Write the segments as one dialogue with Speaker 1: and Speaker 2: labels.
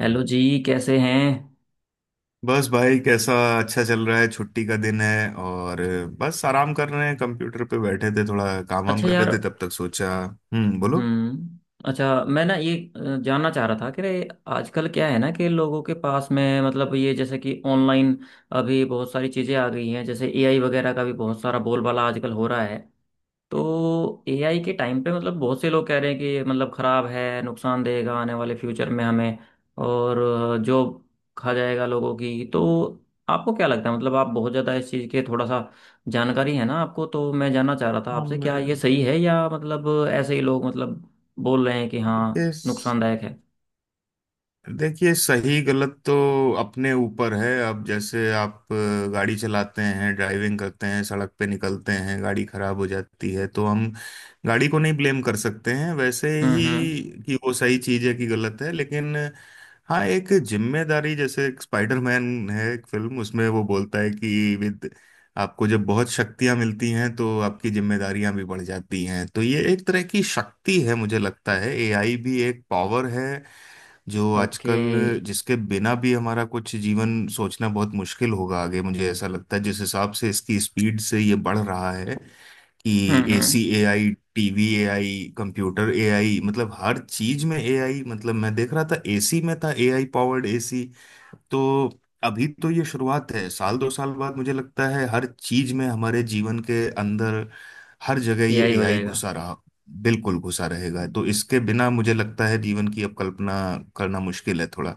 Speaker 1: Hello जी। कैसे हैं।
Speaker 2: बस भाई कैसा। अच्छा चल रहा है, छुट्टी का दिन है और बस आराम कर रहे हैं। कंप्यूटर पे बैठे थे, थोड़ा काम वाम
Speaker 1: अच्छा
Speaker 2: कर रहे
Speaker 1: यार।
Speaker 2: थे, तब तक सोचा बोलो।
Speaker 1: हम्म। अच्छा, मैं ना ये जानना चाह रहा था कि रे, आजकल क्या है ना कि लोगों के पास में मतलब ये जैसे कि ऑनलाइन अभी बहुत सारी चीज़ें आ गई हैं, जैसे एआई वगैरह का भी बहुत सारा बोलबाला आजकल हो रहा है। तो एआई के टाइम पे मतलब बहुत से लोग कह रहे हैं कि ये मतलब खराब है, नुकसान देगा आने वाले फ्यूचर में हमें, और जॉब खा जाएगा लोगों की। तो आपको क्या लगता है, मतलब आप बहुत ज़्यादा इस चीज़ के थोड़ा सा जानकारी है ना आपको, तो मैं जानना चाह रहा था आपसे
Speaker 2: हम
Speaker 1: क्या ये सही है या मतलब ऐसे ही लोग मतलब बोल रहे हैं कि हाँ,
Speaker 2: देखिए
Speaker 1: नुकसानदायक है।
Speaker 2: देखिए, सही गलत तो अपने ऊपर है। अब जैसे आप गाड़ी चलाते हैं, ड्राइविंग करते हैं, सड़क पे निकलते हैं, गाड़ी खराब हो जाती है तो हम गाड़ी को नहीं ब्लेम कर सकते हैं। वैसे
Speaker 1: हम्म।
Speaker 2: ही
Speaker 1: हम्म।
Speaker 2: कि वो सही चीज़ है कि गलत है, लेकिन हाँ एक जिम्मेदारी। जैसे एक स्पाइडरमैन है, एक फिल्म, उसमें वो बोलता है कि विद, आपको जब बहुत शक्तियां मिलती हैं तो आपकी जिम्मेदारियां भी बढ़ जाती हैं। तो ये एक तरह की शक्ति है, मुझे लगता है एआई भी एक पावर है, जो
Speaker 1: ओके।
Speaker 2: आजकल जिसके बिना भी हमारा कुछ जीवन सोचना बहुत मुश्किल होगा आगे, मुझे ऐसा लगता है, जिस हिसाब से इसकी स्पीड से ये बढ़ रहा है। कि
Speaker 1: हम्म। हम्म।
Speaker 2: AC AI, TV AI, computer AI, मतलब हर चीज में एआई। मतलब मैं देख रहा था, एसी में था एआई पावर्ड एसी। तो अभी तो ये शुरुआत है, साल दो साल बाद मुझे लगता है हर चीज में, हमारे जीवन के अंदर हर जगह ये
Speaker 1: एआई हो
Speaker 2: एआई
Speaker 1: जाएगा।
Speaker 2: घुसा रहा, बिल्कुल घुसा रहेगा। तो इसके बिना मुझे लगता है जीवन की अब कल्पना करना मुश्किल है थोड़ा।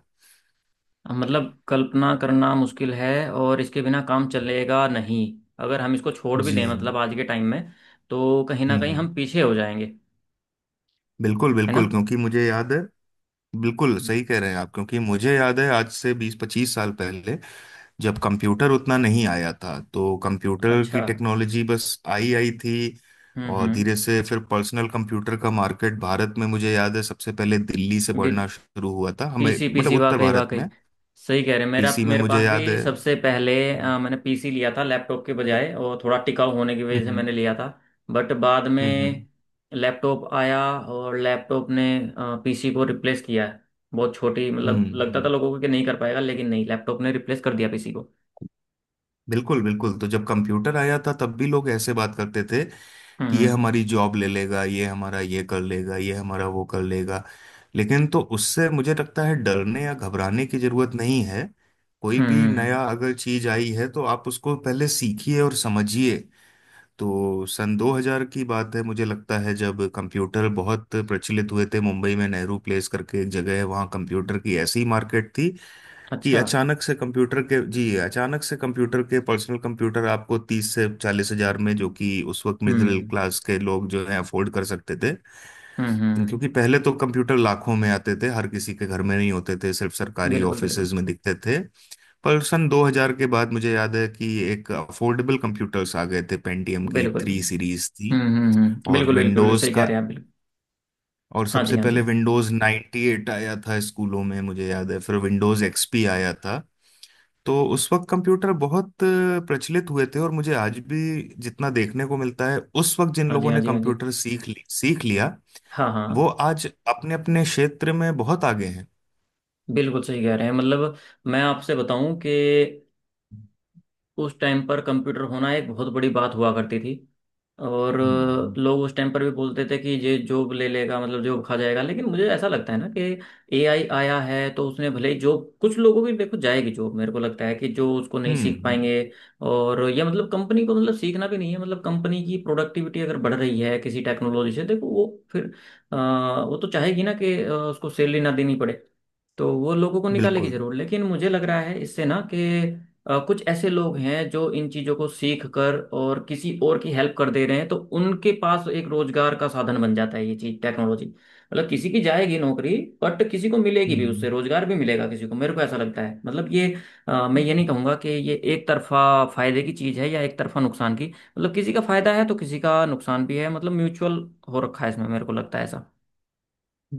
Speaker 1: मतलब कल्पना करना मुश्किल है और इसके बिना काम चलेगा नहीं। अगर हम इसको छोड़ भी
Speaker 2: जी,
Speaker 1: दें मतलब आज के टाइम में, तो कहीं ना कहीं
Speaker 2: हम्म,
Speaker 1: हम पीछे हो जाएंगे,
Speaker 2: बिल्कुल
Speaker 1: है
Speaker 2: बिल्कुल,
Speaker 1: ना।
Speaker 2: क्योंकि मुझे याद है। बिल्कुल सही कह रहे हैं आप, क्योंकि मुझे याद है आज से 20-25 साल पहले जब कंप्यूटर उतना नहीं आया था तो कंप्यूटर
Speaker 1: अच्छा।
Speaker 2: की टेक्नोलॉजी बस आई आई थी।
Speaker 1: हम्म।
Speaker 2: और
Speaker 1: हम्म।
Speaker 2: धीरे से फिर पर्सनल कंप्यूटर का मार्केट भारत में, मुझे याद है, सबसे पहले दिल्ली से
Speaker 1: बिल्कुल।
Speaker 2: बढ़ना शुरू हुआ था हमें,
Speaker 1: पीसी
Speaker 2: मतलब
Speaker 1: पीसी,
Speaker 2: उत्तर
Speaker 1: वाकई
Speaker 2: भारत
Speaker 1: वाकई
Speaker 2: में।
Speaker 1: सही कह रहे हैं। मेरा
Speaker 2: पीसी में
Speaker 1: मेरे
Speaker 2: मुझे
Speaker 1: पास
Speaker 2: याद
Speaker 1: भी
Speaker 2: है।
Speaker 1: सबसे पहले
Speaker 2: हम्म
Speaker 1: मैंने पीसी लिया था, लैपटॉप के बजाय, और थोड़ा टिकाऊ होने की वजह से
Speaker 2: हम्म।
Speaker 1: मैंने लिया था। बट बाद
Speaker 2: हम्म।
Speaker 1: में लैपटॉप आया और लैपटॉप ने पीसी को रिप्लेस किया है। बहुत छोटी
Speaker 2: हम्म।
Speaker 1: मतलब लगता था
Speaker 2: हम्म,
Speaker 1: लोगों को कि नहीं कर पाएगा, लेकिन नहीं, लैपटॉप ने रिप्लेस कर दिया पीसी को।
Speaker 2: बिल्कुल बिल्कुल। तो जब कंप्यूटर आया था तब भी लोग ऐसे बात करते थे कि ये
Speaker 1: हम्म।
Speaker 2: हमारी जॉब ले लेगा, ये हमारा ये कर लेगा, ये हमारा वो कर लेगा। लेकिन तो उससे मुझे लगता है डरने या घबराने की जरूरत नहीं है। कोई भी
Speaker 1: हम्म। हम्म।
Speaker 2: नया अगर चीज आई है तो आप उसको पहले सीखिए और समझिए। तो सन 2000 की बात है, मुझे लगता है, जब कंप्यूटर बहुत प्रचलित हुए थे, मुंबई में नेहरू प्लेस करके एक जगह है, वहाँ कंप्यूटर की ऐसी मार्केट थी कि
Speaker 1: अच्छा।
Speaker 2: अचानक से कंप्यूटर के जी अचानक से कंप्यूटर के पर्सनल कंप्यूटर आपको 30 से 40 हज़ार में, जो कि उस वक्त मिडिल
Speaker 1: हम्म।
Speaker 2: क्लास के लोग जो है अफोर्ड कर सकते थे।
Speaker 1: हम्म। हम्म।
Speaker 2: क्योंकि पहले तो कंप्यूटर लाखों में आते थे, हर किसी के घर में नहीं होते थे, सिर्फ सरकारी
Speaker 1: बिल्कुल बिल्कुल
Speaker 2: ऑफिसेज में दिखते थे। पर सन 2000 के बाद मुझे याद है कि एक अफोर्डेबल कंप्यूटर्स आ गए थे, पेंटियम की
Speaker 1: बिल्कुल बिल्कुल।
Speaker 2: थ्री सीरीज थी।
Speaker 1: हम्म। हम्म। हम्म।
Speaker 2: और
Speaker 1: बिल्कुल बिल्कुल बिल्कुल
Speaker 2: विंडोज
Speaker 1: सही कह
Speaker 2: का,
Speaker 1: रहे हैं आप, बिल्कुल।
Speaker 2: और
Speaker 1: हाँ जी।
Speaker 2: सबसे
Speaker 1: हाँ जी।
Speaker 2: पहले विंडोज 98 आया था स्कूलों में, मुझे याद है, फिर विंडोज एक्सपी आया था। तो उस वक्त कंप्यूटर बहुत प्रचलित हुए थे, और मुझे आज भी जितना देखने को मिलता है, उस वक्त जिन
Speaker 1: हाँ जी।
Speaker 2: लोगों
Speaker 1: हाँ
Speaker 2: ने
Speaker 1: जी। हाँ जी।
Speaker 2: कंप्यूटर सीख लिया
Speaker 1: हाँ
Speaker 2: वो
Speaker 1: हाँ।
Speaker 2: आज अपने अपने क्षेत्र में बहुत आगे हैं।
Speaker 1: बिल्कुल सही कह रहे हैं। मतलब मैं आपसे बताऊं कि उस टाइम पर कंप्यूटर होना एक बहुत बड़ी बात हुआ करती थी। और
Speaker 2: हम्म
Speaker 1: लोग उस टाइम पर भी बोलते थे कि ये जॉब ले लेगा, मतलब जॉब खा जाएगा, लेकिन मुझे ऐसा लगता है ना कि एआई आया है तो उसने भले ही जॉब कुछ लोगों की देखो जाएगी जॉब। मेरे को लगता है कि जो उसको नहीं सीख
Speaker 2: हम्म,
Speaker 1: पाएंगे, और ये मतलब कंपनी को मतलब सीखना भी नहीं है, मतलब कंपनी की प्रोडक्टिविटी अगर बढ़ रही है किसी टेक्नोलॉजी से, देखो वो फिर अ, वो तो चाहेगी ना कि उसको सैलरी ना देनी पड़े। तो वो लोगों को निकालेगी
Speaker 2: बिल्कुल।
Speaker 1: जरूर, लेकिन मुझे लग रहा है इससे ना कि कुछ ऐसे लोग हैं जो इन चीजों को सीख कर और किसी और की हेल्प कर दे रहे हैं, तो उनके पास एक रोजगार का साधन बन जाता है ये चीज टेक्नोलॉजी। मतलब किसी की जाएगी नौकरी बट किसी को मिलेगी भी, उससे रोजगार भी मिलेगा किसी को। मेरे को ऐसा लगता है, मतलब ये मैं ये नहीं कहूंगा कि ये एक तरफा फायदे की चीज है या एक तरफा नुकसान की। मतलब किसी का फायदा है तो किसी का नुकसान भी है, मतलब म्यूचुअल हो रखा है इसमें, मेरे को लगता है ऐसा।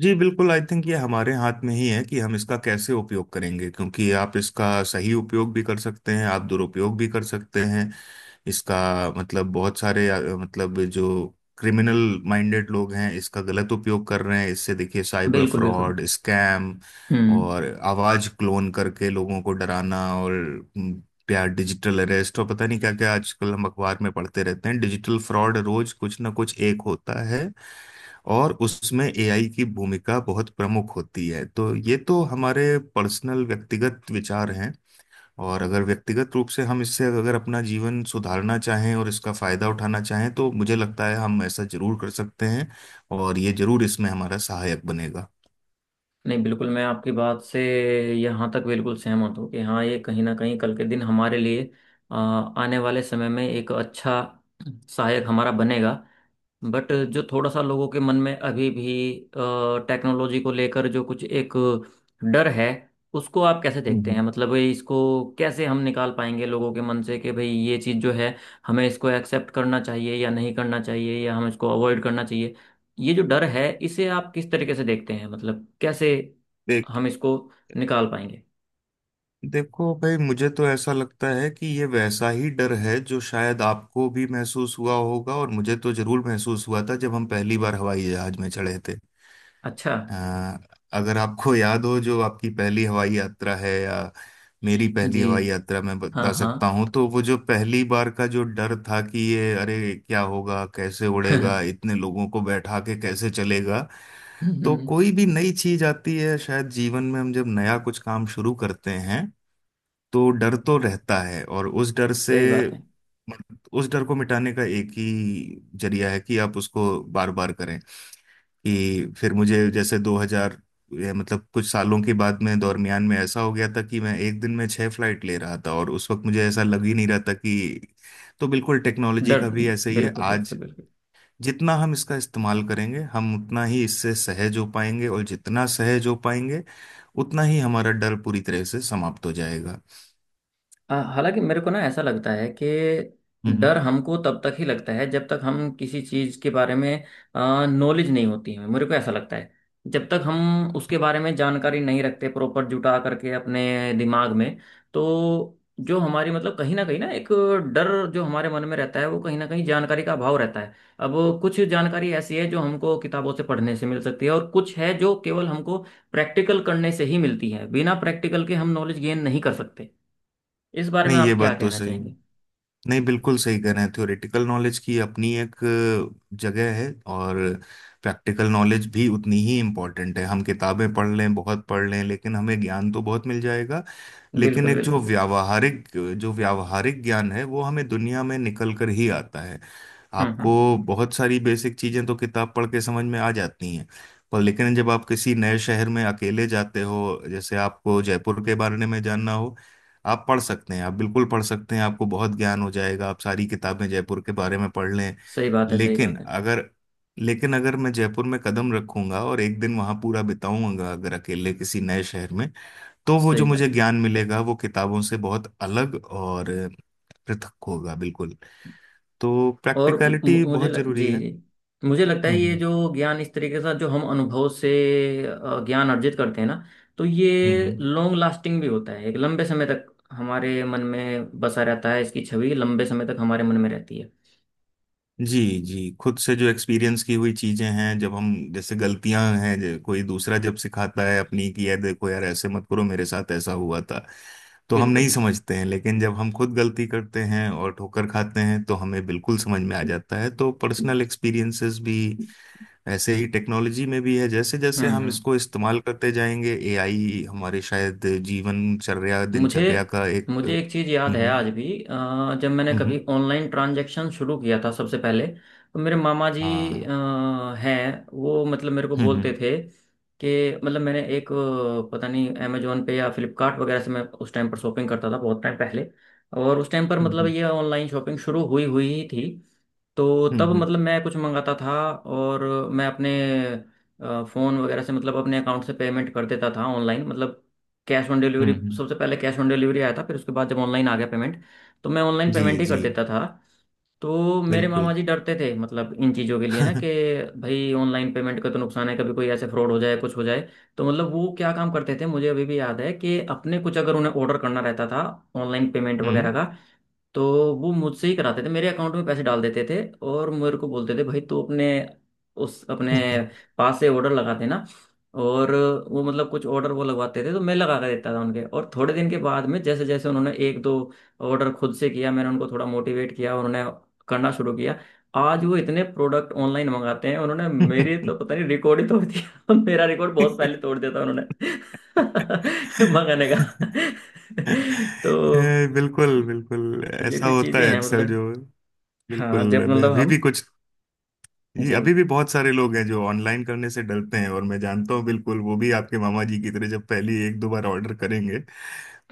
Speaker 2: जी बिल्कुल, आई थिंक ये हमारे हाथ में ही है कि हम इसका कैसे उपयोग करेंगे, क्योंकि आप इसका सही उपयोग भी कर सकते हैं, आप दुरुपयोग भी कर सकते हैं इसका। मतलब बहुत सारे मतलब जो क्रिमिनल माइंडेड लोग हैं इसका गलत उपयोग कर रहे हैं, इससे देखिए साइबर
Speaker 1: बिल्कुल बिल्कुल बिल्कुल।
Speaker 2: फ्रॉड, स्कैम
Speaker 1: हम्म।
Speaker 2: और आवाज क्लोन करके लोगों को डराना, और हम्म, या डिजिटल अरेस्ट और पता नहीं क्या क्या आजकल हम अखबार में पढ़ते रहते हैं, डिजिटल फ्रॉड रोज कुछ ना कुछ एक होता है। और उसमें एआई की भूमिका बहुत प्रमुख होती है। तो ये तो हमारे पर्सनल व्यक्तिगत विचार हैं, और अगर व्यक्तिगत रूप से हम इससे, अगर अपना जीवन सुधारना चाहें और इसका फायदा उठाना चाहें, तो मुझे लगता है हम ऐसा जरूर कर सकते हैं, और ये जरूर इसमें हमारा सहायक बनेगा।
Speaker 1: नहीं, बिल्कुल मैं आपकी बात से यहाँ तक बिल्कुल सहमत हूँ कि हाँ ये कहीं ना कहीं कल के दिन हमारे लिए आने वाले समय में एक अच्छा सहायक हमारा बनेगा। बट जो थोड़ा सा लोगों के मन में अभी भी टेक्नोलॉजी को लेकर जो कुछ एक डर है, उसको आप कैसे देखते
Speaker 2: हम्म।
Speaker 1: हैं, मतलब ये इसको कैसे हम निकाल पाएंगे लोगों के मन से कि भाई ये चीज़ जो है हमें इसको एक्सेप्ट करना चाहिए या नहीं करना चाहिए, या हम इसको अवॉइड करना चाहिए। ये जो डर है इसे आप किस तरीके से देखते हैं, मतलब कैसे
Speaker 2: देख
Speaker 1: हम इसको निकाल पाएंगे।
Speaker 2: देखो भाई, मुझे तो ऐसा लगता है कि ये वैसा ही डर है जो शायद आपको भी महसूस हुआ होगा, और मुझे तो जरूर महसूस हुआ था जब हम पहली बार हवाई जहाज में चढ़े थे।
Speaker 1: अच्छा।
Speaker 2: अ, अगर आपको याद हो जो आपकी पहली हवाई यात्रा है, या मेरी पहली
Speaker 1: जी।
Speaker 2: हवाई यात्रा मैं
Speaker 1: हाँ
Speaker 2: बता सकता
Speaker 1: हाँ।
Speaker 2: हूँ, तो वो जो पहली बार का जो डर था कि ये, अरे क्या होगा, कैसे उड़ेगा, इतने लोगों को बैठा के कैसे चलेगा। तो
Speaker 1: हम्म।
Speaker 2: कोई भी नई चीज आती है, शायद जीवन में हम जब नया कुछ काम शुरू करते हैं तो डर तो रहता है, और उस डर से,
Speaker 1: सही बात है।
Speaker 2: उस डर को मिटाने का एक ही जरिया है कि आप उसको बार बार करें। कि फिर मुझे जैसे 2000, ये मतलब कुछ सालों के बाद में, दरमियान में, ऐसा हो गया था कि मैं एक दिन में 6 फ्लाइट ले रहा था, और उस वक्त मुझे ऐसा लग ही नहीं रहा था कि। तो बिल्कुल टेक्नोलॉजी
Speaker 1: डर।
Speaker 2: का भी ऐसे ही है।
Speaker 1: बिल्कुल
Speaker 2: आज
Speaker 1: बिल्कुल बिल्कुल।
Speaker 2: जितना हम इसका इस्तेमाल करेंगे हम उतना ही इससे सहज हो पाएंगे, और जितना सहज हो पाएंगे उतना ही हमारा डर पूरी तरह से समाप्त हो जाएगा।
Speaker 1: हालांकि मेरे को ना ऐसा लगता है कि डर
Speaker 2: हम्म।
Speaker 1: हमको तब तक ही लगता है जब तक हम किसी चीज़ के बारे में नॉलेज नहीं होती है, मेरे को ऐसा लगता है। जब तक हम उसके बारे में जानकारी नहीं रखते प्रॉपर जुटा करके अपने दिमाग में, तो जो हमारी मतलब कहीं ना एक डर जो हमारे मन में रहता है, वो कहीं ना कहीं जानकारी का अभाव रहता है। अब कुछ जानकारी ऐसी है जो हमको किताबों से पढ़ने से मिल सकती है, और कुछ है जो केवल हमको प्रैक्टिकल करने से ही मिलती है, बिना प्रैक्टिकल के हम नॉलेज गेन नहीं कर सकते। इस बारे में
Speaker 2: नहीं, ये
Speaker 1: आप क्या
Speaker 2: बात तो
Speaker 1: कहना
Speaker 2: सही है।
Speaker 1: चाहेंगे।
Speaker 2: नहीं, बिल्कुल सही कह रहे हैं, थ्योरेटिकल नॉलेज की अपनी एक जगह है, और प्रैक्टिकल नॉलेज भी उतनी ही इम्पोर्टेंट है। हम किताबें पढ़ लें, बहुत पढ़ लें, लेकिन हमें ज्ञान तो बहुत मिल जाएगा, लेकिन
Speaker 1: बिल्कुल
Speaker 2: एक जो
Speaker 1: बिल्कुल बिल्कुल।
Speaker 2: व्यावहारिक, जो व्यावहारिक ज्ञान है वो हमें दुनिया में निकल कर ही आता है।
Speaker 1: हम्म।
Speaker 2: आपको
Speaker 1: हम्म।
Speaker 2: बहुत सारी बेसिक चीजें तो किताब पढ़ के समझ में आ जाती हैं। पर लेकिन जब आप किसी नए शहर में अकेले जाते हो, जैसे आपको जयपुर के बारे में जानना हो, आप पढ़ सकते हैं, आप बिल्कुल पढ़ सकते हैं, आपको बहुत ज्ञान हो जाएगा, आप सारी किताबें जयपुर के बारे में पढ़ लें।
Speaker 1: सही बात है। सही
Speaker 2: लेकिन
Speaker 1: बात है।
Speaker 2: अगर लेकिन अगर मैं जयपुर में कदम रखूंगा और एक दिन वहां पूरा बिताऊंगा, अगर अकेले किसी नए शहर में, तो वो जो
Speaker 1: सही
Speaker 2: मुझे
Speaker 1: बात है।
Speaker 2: ज्ञान मिलेगा वो किताबों से बहुत अलग और पृथक होगा, बिल्कुल। तो
Speaker 1: और मु-
Speaker 2: प्रैक्टिकलिटी
Speaker 1: मु- मुझे
Speaker 2: बहुत
Speaker 1: लग,
Speaker 2: जरूरी
Speaker 1: जी
Speaker 2: है।
Speaker 1: जी, मुझे लगता है ये
Speaker 2: हम्म
Speaker 1: जो ज्ञान इस तरीके से जो हम अनुभव से ज्ञान अर्जित करते हैं ना, तो ये
Speaker 2: हम्म।
Speaker 1: लॉन्ग लास्टिंग भी होता है, एक लंबे समय तक हमारे मन में बसा रहता है, इसकी छवि लंबे समय तक हमारे मन में रहती है।
Speaker 2: जी जी, खुद से जो एक्सपीरियंस की हुई चीजें हैं, जब हम, जैसे गलतियां हैं, कोई दूसरा जब सिखाता है अपनी कि यार देखो यार ऐसे मत करो मेरे साथ ऐसा हुआ था, तो हम नहीं
Speaker 1: बिल्कुल।
Speaker 2: समझते हैं, लेकिन जब हम खुद गलती करते हैं और ठोकर खाते हैं तो हमें बिल्कुल समझ में आ जाता है। तो पर्सनल एक्सपीरियंसेस भी
Speaker 1: हम्म।
Speaker 2: ऐसे ही टेक्नोलॉजी में भी है, जैसे जैसे हम
Speaker 1: हम्म।
Speaker 2: इसको इस्तेमाल करते जाएंगे एआई हमारे शायद जीवनचर्या
Speaker 1: मुझे
Speaker 2: दिनचर्या का एक।
Speaker 1: मुझे एक चीज़ याद है
Speaker 2: हम्म,
Speaker 1: आज भी। जब मैंने कभी
Speaker 2: हम्म,
Speaker 1: ऑनलाइन ट्रांजैक्शन शुरू किया था सबसे पहले, तो मेरे मामा जी
Speaker 2: हाँ,
Speaker 1: हैं वो, मतलब मेरे को बोलते
Speaker 2: हम्म,
Speaker 1: थे कि मतलब मैंने एक पता नहीं अमेजोन पे या फ्लिपकार्ट वगैरह से मैं उस टाइम पर शॉपिंग करता था, बहुत टाइम पहले, और उस टाइम पर मतलब
Speaker 2: हम्म
Speaker 1: ये ऑनलाइन शॉपिंग शुरू हुई हुई ही थी। तो
Speaker 2: हम्म,
Speaker 1: तब मतलब मैं कुछ मंगाता था, और मैं अपने फ़ोन वगैरह से मतलब अपने अकाउंट से पेमेंट कर देता था ऑनलाइन, मतलब कैश ऑन डिलीवरी,
Speaker 2: हम्म हम्म।
Speaker 1: सबसे पहले कैश ऑन डिलीवरी आया था, फिर उसके बाद जब ऑनलाइन आ गया पेमेंट तो मैं ऑनलाइन
Speaker 2: जी
Speaker 1: पेमेंट ही
Speaker 2: जी,
Speaker 1: कर देता था। तो मेरे मामा
Speaker 2: बिल्कुल।
Speaker 1: जी डरते थे मतलब इन चीज़ों के लिए ना, कि भाई ऑनलाइन पेमेंट का तो नुकसान है, कभी कोई ऐसे फ्रॉड हो जाए कुछ हो जाए। तो मतलब वो क्या काम करते थे, मुझे अभी भी याद है, कि अपने कुछ अगर उन्हें ऑर्डर करना रहता था ऑनलाइन पेमेंट वगैरह
Speaker 2: हम्म।
Speaker 1: का तो वो मुझसे ही कराते थे, मेरे अकाउंट में पैसे डाल देते थे, और मेरे को बोलते थे भाई तू अपने उस अपने पास से ऑर्डर लगा देना। और वो मतलब कुछ ऑर्डर वो लगवाते थे तो मैं लगा कर देता था उनके, और थोड़े दिन के बाद में जैसे जैसे उन्होंने एक दो ऑर्डर खुद से किया, मैंने उनको थोड़ा मोटिवेट किया, उन्होंने करना शुरू किया। आज वो इतने प्रोडक्ट ऑनलाइन मंगाते हैं, उन्होंने मेरे तो पता नहीं रिकॉर्ड ही तोड़ दिया मेरा रिकॉर्ड बहुत पहले तोड़ दिया था उन्होंने मंगाने का। तो
Speaker 2: बिल्कुल बिल्कुल
Speaker 1: ये
Speaker 2: ऐसा
Speaker 1: भी
Speaker 2: होता
Speaker 1: चीजें
Speaker 2: है
Speaker 1: हैं
Speaker 2: अक्सर
Speaker 1: मतलब।
Speaker 2: जो, बिल्कुल।
Speaker 1: हाँ जब
Speaker 2: मैं
Speaker 1: मतलब
Speaker 2: अभी
Speaker 1: हम,
Speaker 2: भी कुछ, ये
Speaker 1: जी
Speaker 2: अभी भी बहुत सारे लोग हैं जो ऑनलाइन करने से डरते हैं, और मैं जानता हूँ बिल्कुल वो भी आपके मामा जी की तरह जब पहली एक दो बार ऑर्डर करेंगे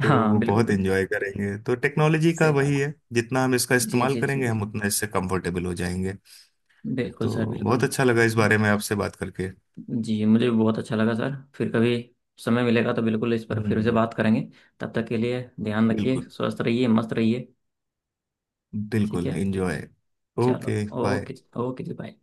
Speaker 2: तो
Speaker 1: हाँ,
Speaker 2: वो
Speaker 1: बिल्कुल
Speaker 2: बहुत
Speaker 1: बिल्कुल।
Speaker 2: एंजॉय करेंगे। तो टेक्नोलॉजी का
Speaker 1: सही बात।
Speaker 2: वही है, जितना हम इसका
Speaker 1: जी
Speaker 2: इस्तेमाल
Speaker 1: जी जी
Speaker 2: करेंगे हम
Speaker 1: बिल्कुल।
Speaker 2: उतना इससे कंफर्टेबल हो जाएंगे।
Speaker 1: बिल्कुल
Speaker 2: तो
Speaker 1: सर, बिल्कुल।
Speaker 2: बहुत अच्छा लगा इस बारे में आपसे बात करके।
Speaker 1: जी मुझे भी बहुत अच्छा लगा सर। फिर कभी समय मिलेगा तो बिल्कुल इस पर फिर से
Speaker 2: हम्म,
Speaker 1: बात करेंगे। तब तक के लिए ध्यान रखिए,
Speaker 2: बिल्कुल।
Speaker 1: स्वस्थ रहिए, मस्त रहिए। ठीक
Speaker 2: बिल्कुल
Speaker 1: है।
Speaker 2: एंजॉय।
Speaker 1: चलो
Speaker 2: ओके बाय।
Speaker 1: ओके। ओके जी, बाय।